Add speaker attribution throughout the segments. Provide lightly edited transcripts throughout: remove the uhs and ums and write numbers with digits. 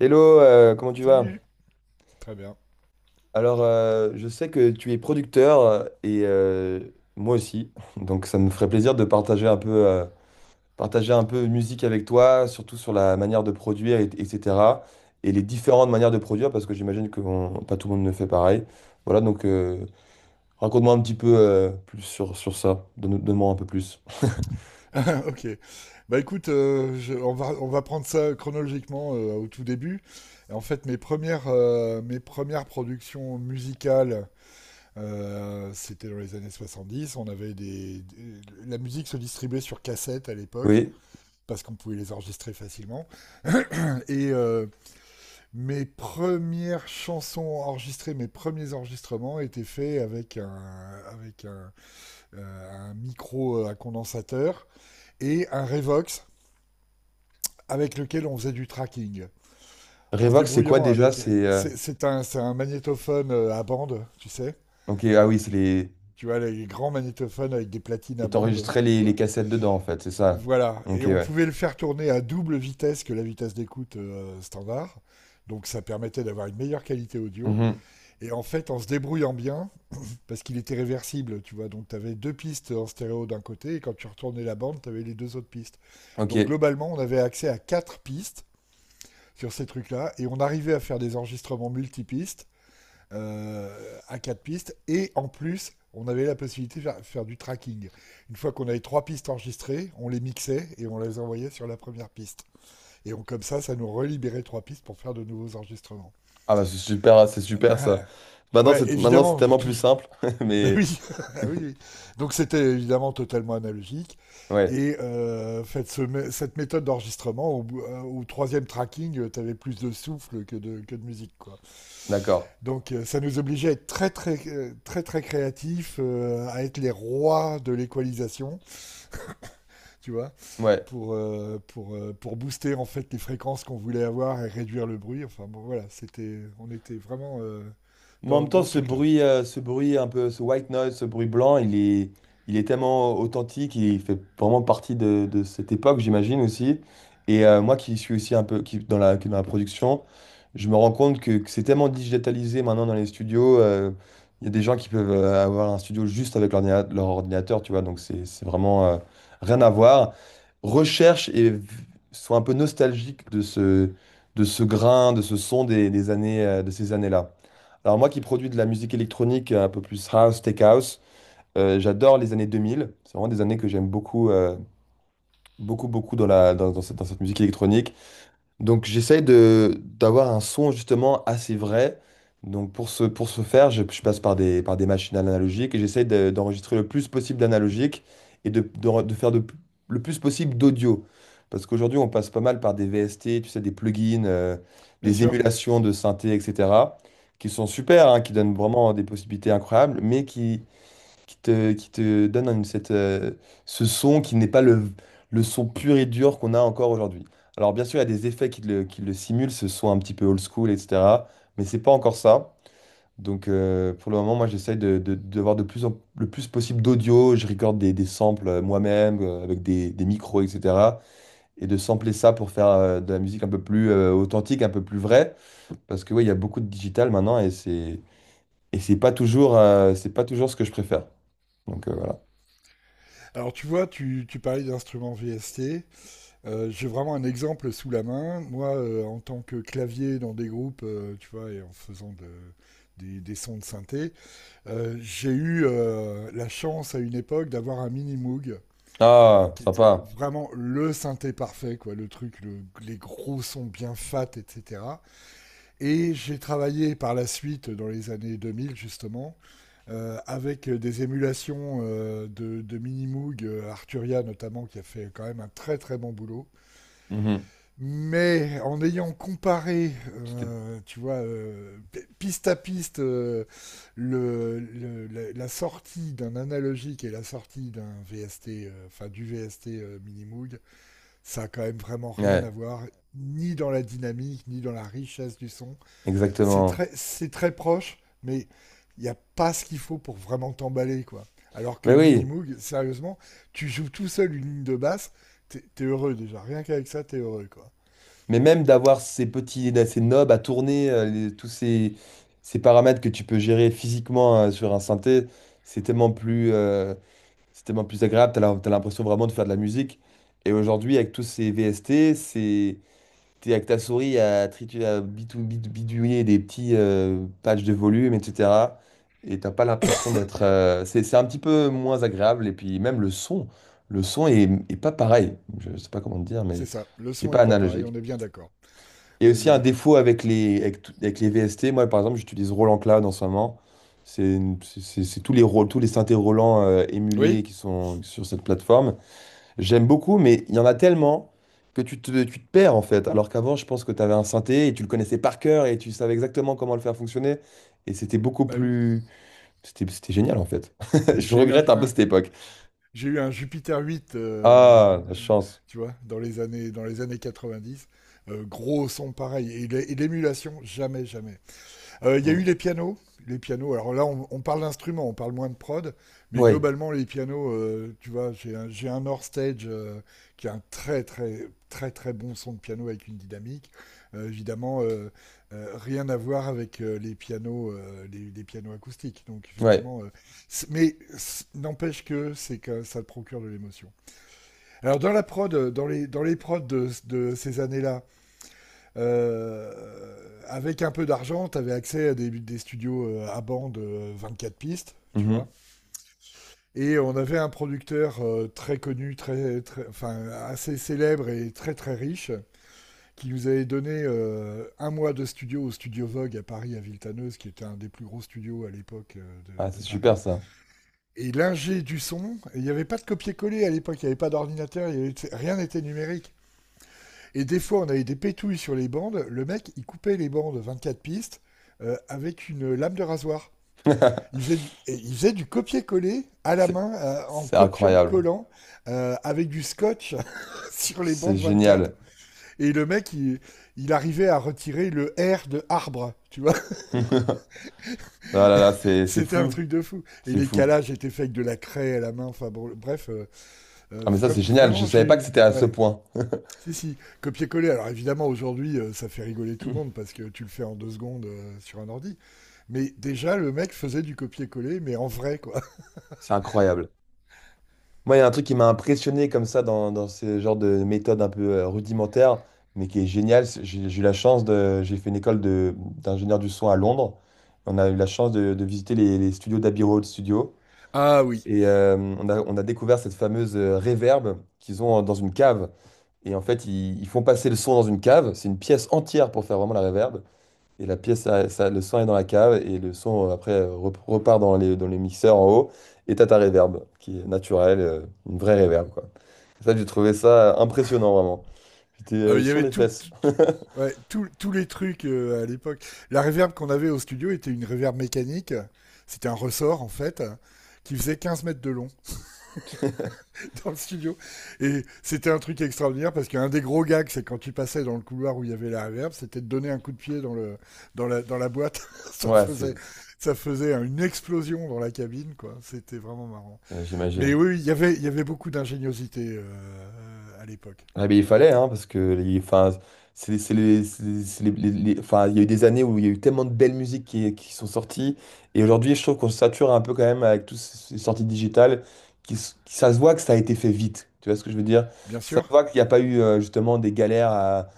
Speaker 1: Hello, comment tu vas?
Speaker 2: Très bien.
Speaker 1: Alors, je sais que tu es producteur et moi aussi, donc ça me ferait plaisir de partager un peu musique avec toi, surtout sur la manière de produire, etc. Et les différentes manières de produire, parce que j'imagine que pas tout le monde ne fait pareil. Voilà, donc raconte-moi un petit peu plus sur, ça. Donne-moi un peu plus.
Speaker 2: Ok. Bah écoute, on va prendre ça chronologiquement au tout début. Et en fait, mes premières productions musicales, c'était dans les années 70. On avait la musique se distribuait sur cassette à l'époque,
Speaker 1: Oui.
Speaker 2: parce qu'on pouvait les enregistrer facilement. Et mes premières chansons enregistrées, mes premiers enregistrements étaient faits avec un micro à condensateur et un Revox avec lequel on faisait du tracking. En se
Speaker 1: Revox, c'est quoi
Speaker 2: débrouillant
Speaker 1: déjà?
Speaker 2: avec.
Speaker 1: C'est
Speaker 2: C'est un magnétophone à bande, tu sais.
Speaker 1: ok. Ah oui, c'est les.
Speaker 2: Tu vois, les grands magnétophones avec des platines
Speaker 1: Et
Speaker 2: à bande,
Speaker 1: t'enregistrais
Speaker 2: tu
Speaker 1: les
Speaker 2: vois.
Speaker 1: cassettes dedans en fait, c'est ça.
Speaker 2: Voilà.
Speaker 1: Ok,
Speaker 2: Et on
Speaker 1: ouais.
Speaker 2: pouvait le faire tourner à double vitesse que la vitesse d'écoute standard. Donc ça permettait d'avoir une meilleure qualité audio. Et en fait, en se débrouillant bien, parce qu'il était réversible, tu vois. Donc tu avais deux pistes en stéréo d'un côté, et quand tu retournais la bande, tu avais les deux autres pistes. Donc
Speaker 1: Ok.
Speaker 2: globalement, on avait accès à quatre pistes sur ces trucs-là. Et on arrivait à faire des enregistrements multipistes, à quatre pistes. Et en plus, on avait la possibilité de faire du tracking. Une fois qu'on avait trois pistes enregistrées, on les mixait et on les envoyait sur la première piste. Et comme ça nous relibérait trois pistes pour faire de nouveaux enregistrements.
Speaker 1: Ah bah c'est super, hein, c'est super ça.
Speaker 2: Ouais,
Speaker 1: Maintenant c'est
Speaker 2: évidemment.
Speaker 1: tellement plus simple,
Speaker 2: Bah
Speaker 1: mais
Speaker 2: oui, oui, oui. Donc c'était évidemment totalement analogique.
Speaker 1: ouais,
Speaker 2: Et faites ce cette méthode d'enregistrement, au troisième tracking, tu avais plus de souffle que de musique. Quoi.
Speaker 1: d'accord.
Speaker 2: Donc ça nous obligeait à être très très très très, très créatifs, à être les rois de l'équalisation, tu vois,
Speaker 1: Ouais.
Speaker 2: pour booster en fait les fréquences qu'on voulait avoir et réduire le bruit. Enfin bon voilà, c'était on était vraiment
Speaker 1: Mais en
Speaker 2: dans,
Speaker 1: même temps,
Speaker 2: dans ce truc-là.
Speaker 1: ce bruit un peu, ce white noise, ce bruit blanc, il est tellement authentique, il fait vraiment partie de, cette époque, j'imagine aussi. Et moi qui suis aussi un peu qui est dans la production. Je me rends compte que c'est tellement digitalisé maintenant dans les studios. Il y a des gens qui peuvent avoir un studio juste avec leur ordinateur, tu vois, donc c'est vraiment rien à voir. Recherche et v- Sois un peu nostalgique de ce, grain, de ce son des années, de ces années-là. Alors moi qui produis de la musique électronique un peu plus house, tech house, j'adore les années 2000. C'est vraiment des années que j'aime beaucoup, beaucoup, beaucoup dans la, dans cette musique électronique. Donc j'essaye de d'avoir un son justement assez vrai. Donc pour ce faire, je passe par des machines analogiques et j'essaye d'enregistrer le plus possible d'analogique et de faire le plus possible d'audio. Parce qu'aujourd'hui, on passe pas mal par des VST, tu sais, des plugins,
Speaker 2: Bien
Speaker 1: des
Speaker 2: sûr.
Speaker 1: émulations de synthé, etc., qui sont super, hein, qui donnent vraiment des possibilités incroyables, mais qui te donne ce son qui n'est pas le, son pur et dur qu'on a encore aujourd'hui. Alors bien sûr, il y a des effets qui le simulent, ce son un petit peu old school, etc. Mais c'est pas encore ça. Donc pour le moment, moi j'essaye de, voir le plus possible d'audio. Je recorde des, samples moi-même, avec des micros, etc. Et de sampler ça pour faire de la musique un peu plus authentique, un peu plus vraie. Parce que oui, il y a beaucoup de digital maintenant et c'est pas toujours ce que je préfère. Donc voilà.
Speaker 2: Alors tu vois, tu parlais d'instruments VST. J'ai vraiment un exemple sous la main. Moi, en tant que clavier dans des groupes, tu vois, et en faisant des sons de synthé. J'ai eu la chance à une époque d'avoir un mini Moog
Speaker 1: Ah,
Speaker 2: qui était
Speaker 1: sympa.
Speaker 2: vraiment le synthé parfait, quoi, le truc, les gros sons bien fat, etc. Et j'ai travaillé par la suite, dans les années 2000 justement, avec des émulations de mini Moog, Arturia notamment, qui a fait quand même un très très bon boulot.
Speaker 1: Mhm.
Speaker 2: Mais en ayant comparé,
Speaker 1: C'était-
Speaker 2: euh, tu vois, piste à piste, la sortie d'un analogique et la sortie d'un VST, enfin du VST Minimoog, ça a quand même vraiment rien à
Speaker 1: Ouais,
Speaker 2: voir, ni dans la dynamique, ni dans la richesse du son. C'est
Speaker 1: exactement.
Speaker 2: très, c'est très proche, mais il n'y a pas ce qu'il faut pour vraiment t'emballer, quoi. Alors que
Speaker 1: Mais
Speaker 2: le
Speaker 1: oui,
Speaker 2: Minimoog, sérieusement, tu joues tout seul une ligne de basse, t'es heureux déjà, rien qu'avec ça, t'es heureux, quoi.
Speaker 1: mais même d'avoir ces knobs à tourner, tous ces paramètres que tu peux gérer physiquement sur un synthé, c'est tellement plus, euh, c'est tellement plus agréable. T'as l'impression vraiment de faire de la musique. Et aujourd'hui, avec tous ces VST, c'est t'es avec ta souris à, tritu- à bitou- bidouiller des petits patchs de volume, etc. Et t'as pas l'impression d'être, c'est un petit peu moins agréable. Et puis même le son est pas pareil. Je sais pas comment te dire,
Speaker 2: C'est
Speaker 1: mais
Speaker 2: ça. Le
Speaker 1: c'est
Speaker 2: son
Speaker 1: pas
Speaker 2: est pas pareil. On
Speaker 1: analogique.
Speaker 2: est bien d'accord.
Speaker 1: Et
Speaker 2: On est
Speaker 1: aussi
Speaker 2: bien
Speaker 1: un
Speaker 2: d'accord.
Speaker 1: défaut avec les, avec les VST. Moi, par exemple, j'utilise Roland Cloud en ce moment. C'est une- c'est- C'est tous les rôles, tous les synthés Roland
Speaker 2: Oui?
Speaker 1: émulés qui sont sur cette plateforme. J'aime beaucoup, mais il y en a tellement que tu te perds en fait. Alors qu'avant, je pense que tu avais un synthé et tu le connaissais par cœur et tu savais exactement comment le faire fonctionner. Et c'était beaucoup
Speaker 2: Bah oui.
Speaker 1: plus... C'était génial en fait. Je
Speaker 2: J'ai eu un,
Speaker 1: regrette un peu
Speaker 2: un-
Speaker 1: cette époque.
Speaker 2: j'ai eu un Jupiter 8,
Speaker 1: Ah, la
Speaker 2: euh,
Speaker 1: chance.
Speaker 2: tu vois, dans les années 90. Gros son pareil. Et l'émulation, jamais, jamais. Il y a eu
Speaker 1: Mm.
Speaker 2: les pianos. Les pianos, alors là, on parle d'instruments, on parle moins de prod, mais
Speaker 1: Ouais,
Speaker 2: globalement, les pianos, tu vois, j'ai un North Stage qui a un très, très, très, très bon son de piano avec une dynamique. Évidemment, rien à voir avec les pianos, les pianos acoustiques. Donc,
Speaker 1: ouais.
Speaker 2: effectivement, n'empêche que c'est que ça te procure de l'émotion. Alors, dans la prod, dans les prods de ces années-là, euh, avec un peu d'argent, tu avais accès à des studios à bande 24 pistes, tu vois.
Speaker 1: Mhm.
Speaker 2: Et on avait un producteur très connu, très, très, enfin, assez célèbre et très très riche, qui nous avait donné un mois de studio au Studio Vogue à Paris, à Villetaneuse, qui était un des plus gros studios à l'époque
Speaker 1: Ah,
Speaker 2: de
Speaker 1: c'est
Speaker 2: Paris.
Speaker 1: super ça.
Speaker 2: Et l'ingé du son, il n'y avait pas de copier-coller à l'époque, il n'y avait pas d'ordinateur, il y avait, rien n'était numérique. Et des fois, on avait des pétouilles sur les bandes. Le mec, il coupait les bandes 24 pistes avec une lame de rasoir. Il faisait du, et il faisait du copier-coller à la
Speaker 1: C'est
Speaker 2: main, en
Speaker 1: c'est
Speaker 2: copiant,
Speaker 1: incroyable.
Speaker 2: collant, avec du scotch sur les
Speaker 1: C'est
Speaker 2: bandes 24.
Speaker 1: génial.
Speaker 2: Et le mec, il arrivait à retirer le R de arbre, tu vois.
Speaker 1: Ah là là, c'est
Speaker 2: C'était un
Speaker 1: fou.
Speaker 2: truc de fou. Et
Speaker 1: C'est
Speaker 2: les
Speaker 1: fou.
Speaker 2: calages étaient faits avec de la craie à la main. Enfin bon, bref, euh, euh,
Speaker 1: Ah mais ça,
Speaker 2: vra-
Speaker 1: c'est génial. Je
Speaker 2: vraiment, j'ai
Speaker 1: savais pas que
Speaker 2: eu.
Speaker 1: c'était à ce
Speaker 2: Ouais.
Speaker 1: point.
Speaker 2: Si, si, copier-coller. Alors évidemment, aujourd'hui, ça fait rigoler tout le monde parce que tu le fais en deux secondes sur un ordi. Mais déjà, le mec faisait du copier-coller, mais en vrai, quoi.
Speaker 1: C'est incroyable. Moi, il y a un truc qui m'a impressionné comme ça dans, ce genre de méthode un peu rudimentaire, mais qui est génial. J'ai eu la chance de. J'ai fait une école de, d'ingénieur du son à Londres. On a eu la chance de, visiter les studios d'Abbey Road Studio.
Speaker 2: Ah oui.
Speaker 1: Et on a découvert cette fameuse reverb qu'ils ont dans une cave. Et en fait, ils font passer le son dans une cave. C'est une pièce entière pour faire vraiment la reverb. Et la pièce, ça- Le son est dans la cave et le son après repart dans les mixeurs en haut. Et t'as ta réverb qui est naturelle, une vraie réverb quoi. Ça, j'ai trouvé ça impressionnant vraiment. J'étais
Speaker 2: Ah oui, il y
Speaker 1: sur
Speaker 2: avait
Speaker 1: les
Speaker 2: tout,
Speaker 1: fesses.
Speaker 2: ouais, tous les trucs à l'époque. La reverb qu'on avait au studio était une reverb mécanique. C'était un ressort, en fait, qui faisait 15 mètres de long. Dans le studio. Et c'était un truc extraordinaire parce qu'un des gros gags, c'est quand tu passais dans le couloir où il y avait la reverb, c'était de donner un coup de pied dans la boîte. ça,
Speaker 1: Ouais,
Speaker 2: faisait, ça faisait une explosion dans la cabine, quoi. C'était vraiment marrant. Mais
Speaker 1: j'imagine.
Speaker 2: oui, il y avait beaucoup d'ingéniosité à l'époque.
Speaker 1: Ah ben, il fallait, hein, parce que c'est les- enfin, il y a eu des années où il y a eu tellement de belles musiques qui, sont sorties. Et aujourd'hui, je trouve qu'on se sature un peu quand même avec toutes ces sorties digitales. Ça se voit que ça a été fait vite. Tu vois ce que je veux dire?
Speaker 2: Bien
Speaker 1: Ça se
Speaker 2: sûr.
Speaker 1: voit qu'il n'y a pas eu justement des galères à,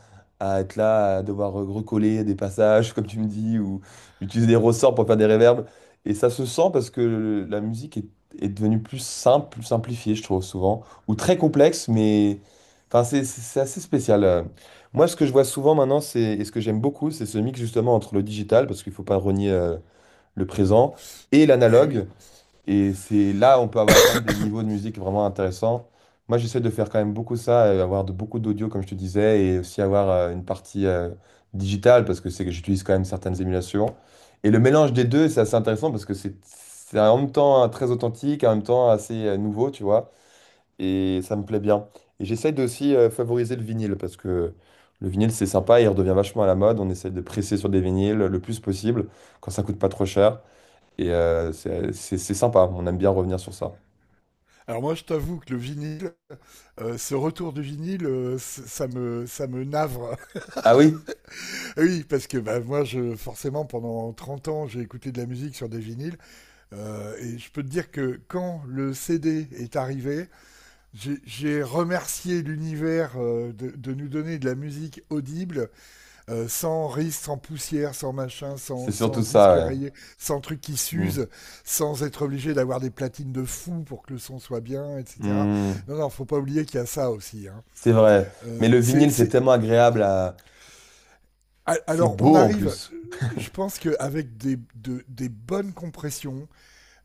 Speaker 1: être là, à devoir recoller des passages, comme tu me dis, ou utiliser des ressorts pour faire des réverbes. Et ça se sent parce que la musique est devenue plus simple, plus simplifiée, je trouve, souvent. Ou très complexe, mais. Enfin, c'est assez spécial. Moi, ce que je vois souvent maintenant, c'est, et ce que j'aime beaucoup, c'est ce mix justement entre le digital, parce qu'il ne faut pas renier le présent, et
Speaker 2: Eh oui.
Speaker 1: l'analogue. Et c'est là on peut avoir, atteindre des niveaux de musique vraiment intéressants. Moi, j'essaie de faire quand même beaucoup ça, avoir beaucoup d'audio, comme je te disais, et aussi avoir une partie digitale, parce que c'est que j'utilise quand même certaines émulations. Et le mélange des deux, c'est assez intéressant, parce que c'est en même temps très authentique, en même temps assez nouveau, tu vois, et ça me plaît bien. Et j'essaye de aussi favoriser le vinyle parce que le vinyle c'est sympa, il redevient vachement à la mode. On essaye de presser sur des vinyles le plus possible quand ça coûte pas trop cher et c'est sympa. On aime bien revenir sur ça.
Speaker 2: Alors moi, je t'avoue que le vinyle, ce retour du vinyle, ça me navre.
Speaker 1: Ah oui,
Speaker 2: Oui, parce que bah, moi, je forcément pendant 30 ans, j'ai écouté de la musique sur des vinyles. Et je peux te dire que quand le CD est arrivé, j'ai remercié l'univers de nous donner de la musique audible, sans risque, sans poussière, sans machin,
Speaker 1: c'est
Speaker 2: sans,
Speaker 1: surtout
Speaker 2: sans disque
Speaker 1: ça,
Speaker 2: rayé, sans truc qui
Speaker 1: ouais. Mm.
Speaker 2: s'use, sans être obligé d'avoir des platines de fou pour que le son soit bien, etc.
Speaker 1: Mm.
Speaker 2: Non, non, faut pas oublier qu'il y a ça aussi, hein.
Speaker 1: C'est vrai. Mais
Speaker 2: Euh,
Speaker 1: le
Speaker 2: c'est,
Speaker 1: vinyle c'est
Speaker 2: c'est...
Speaker 1: tellement agréable à... C'est
Speaker 2: Alors, on
Speaker 1: beau en
Speaker 2: arrive,
Speaker 1: plus.
Speaker 2: je pense qu'avec des bonnes compressions,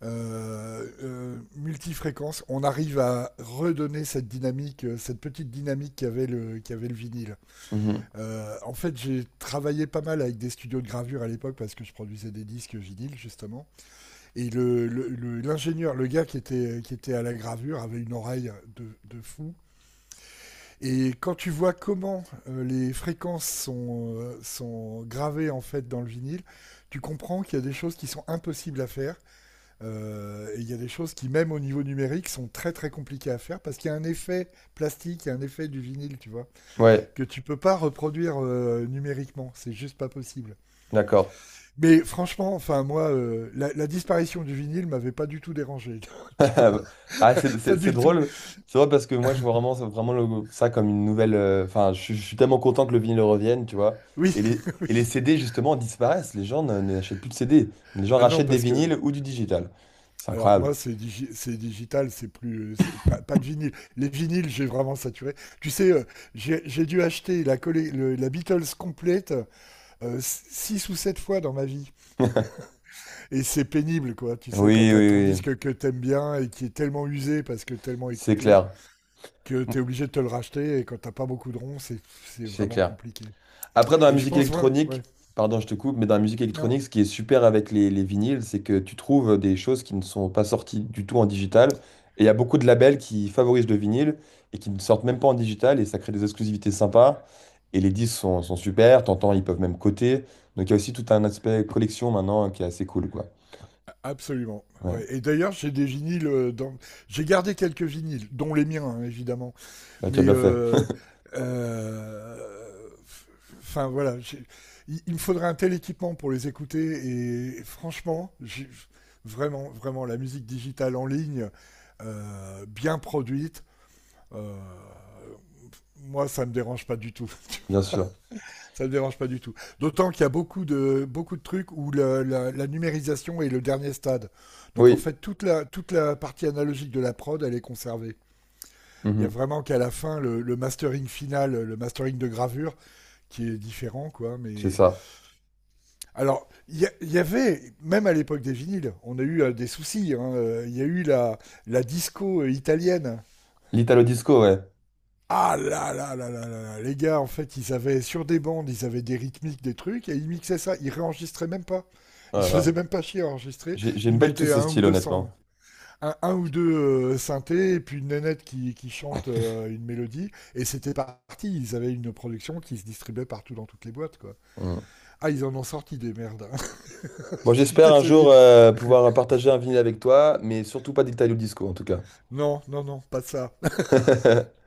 Speaker 2: euh, euh, multifréquence, on arrive à redonner cette dynamique, cette petite dynamique qu'avait qu'avait le vinyle.
Speaker 1: Mhm.
Speaker 2: En fait, j'ai travaillé pas mal avec des studios de gravure à l'époque parce que je produisais des disques vinyle justement. Et l'ingénieur, le gars qui était à la gravure avait une oreille de fou. Et quand tu vois comment les fréquences sont gravées en fait dans le vinyle, tu comprends qu'il y a des choses qui sont impossibles à faire, et il y a des choses qui, même au niveau numérique, sont très très compliquées à faire parce qu'il y a un effet plastique, il y a un effet du vinyle, tu vois,
Speaker 1: Ouais,
Speaker 2: que tu peux pas reproduire numériquement. C'est juste pas possible.
Speaker 1: d'accord.
Speaker 2: Mais franchement, enfin, moi, la disparition du vinyle m'avait pas du tout dérangé. Tu vois,
Speaker 1: Ah,
Speaker 2: pas
Speaker 1: c'est
Speaker 2: du tout.
Speaker 1: drôle. C'est drôle parce que moi, je vois vraiment, vraiment ça comme une nouvelle. Enfin, je suis tellement content que le vinyle revienne, tu vois.
Speaker 2: Oui, oui.
Speaker 1: Et les CD, justement, disparaissent. Les gens n'achètent plus de CD. Les gens
Speaker 2: Ah non,
Speaker 1: rachètent des
Speaker 2: parce que
Speaker 1: vinyles ou du digital. C'est
Speaker 2: alors
Speaker 1: incroyable.
Speaker 2: moi, c'est digital, c'est plus, c'est pas de vinyle. Les vinyles, j'ai vraiment saturé. Tu sais, j'ai dû acheter la Beatles complète 6 ou 7 fois dans ma vie. Et c'est pénible, quoi. Tu sais, quand
Speaker 1: Oui,
Speaker 2: t'as ton
Speaker 1: oui, oui.
Speaker 2: disque que t'aimes bien et qui est tellement usé parce que tellement
Speaker 1: C'est
Speaker 2: écouté,
Speaker 1: clair.
Speaker 2: que t'es obligé de te le racheter et quand t'as pas beaucoup de ronds, c'est
Speaker 1: C'est
Speaker 2: vraiment
Speaker 1: clair.
Speaker 2: compliqué.
Speaker 1: Après, dans la
Speaker 2: Et je
Speaker 1: musique
Speaker 2: pense, voilà, ouais.
Speaker 1: électronique, pardon, je te coupe, mais dans la musique
Speaker 2: Non,
Speaker 1: électronique, ce qui est super avec les, vinyles, c'est que tu trouves des choses qui ne sont pas sorties du tout en digital. Et il y a beaucoup de labels qui favorisent le vinyle et qui ne sortent même pas en digital et ça crée des exclusivités sympas. Et les disques sont super, t'entends, ils peuvent même coter. Donc il y a aussi tout un aspect collection maintenant qui est assez cool, quoi.
Speaker 2: absolument. Ouais.
Speaker 1: Ouais,
Speaker 2: Et d'ailleurs, j'ai des vinyles. Dans. J'ai gardé quelques vinyles, dont les miens, hein, évidemment.
Speaker 1: bah, tu as
Speaker 2: Mais
Speaker 1: bien fait,
Speaker 2: euh, euh, enfin voilà, il me faudrait un tel équipement pour les écouter. Et franchement, vraiment, vraiment, la musique digitale en ligne, bien produite, euh, moi, ça me dérange pas du tout.
Speaker 1: bien sûr.
Speaker 2: Ça me dérange pas du tout. D'autant qu'il y a beaucoup de trucs où la numérisation est le dernier stade. Donc en
Speaker 1: Oui,
Speaker 2: fait, toute toute la partie analogique de la prod, elle est conservée. Il y a
Speaker 1: mhm,
Speaker 2: vraiment qu'à la fin le mastering final, le mastering de gravure qui est différent, quoi.
Speaker 1: c'est
Speaker 2: Mais
Speaker 1: ça.
Speaker 2: alors, il y avait même à l'époque des vinyles, on a eu des soucis. Il hein, il y a eu la disco italienne.
Speaker 1: L'Italo disco, ouais.
Speaker 2: Ah là, là là là là là les gars, en fait, ils avaient sur des bandes, ils avaient des rythmiques, des trucs, et ils mixaient ça. Ils réenregistraient même pas. Ils se faisaient
Speaker 1: Voilà.
Speaker 2: même pas chier à enregistrer.
Speaker 1: J'aime
Speaker 2: Ils
Speaker 1: pas du tout
Speaker 2: mettaient
Speaker 1: ce
Speaker 2: un ou
Speaker 1: style,
Speaker 2: deux cents.
Speaker 1: honnêtement.
Speaker 2: Un ou deux synthés et puis une nénette qui chante une mélodie. Et c'était parti. Ils avaient une production qui se distribuait partout dans toutes les boîtes, quoi.
Speaker 1: Mm.
Speaker 2: Ah, ils en ont sorti des merdes, hein.
Speaker 1: Bon,
Speaker 2: Je suis
Speaker 1: j'espère un
Speaker 2: désolé.
Speaker 1: jour pouvoir partager un vinyle avec toi, mais surtout pas d'Italio Disco en tout cas.
Speaker 2: Non, non, non, pas ça.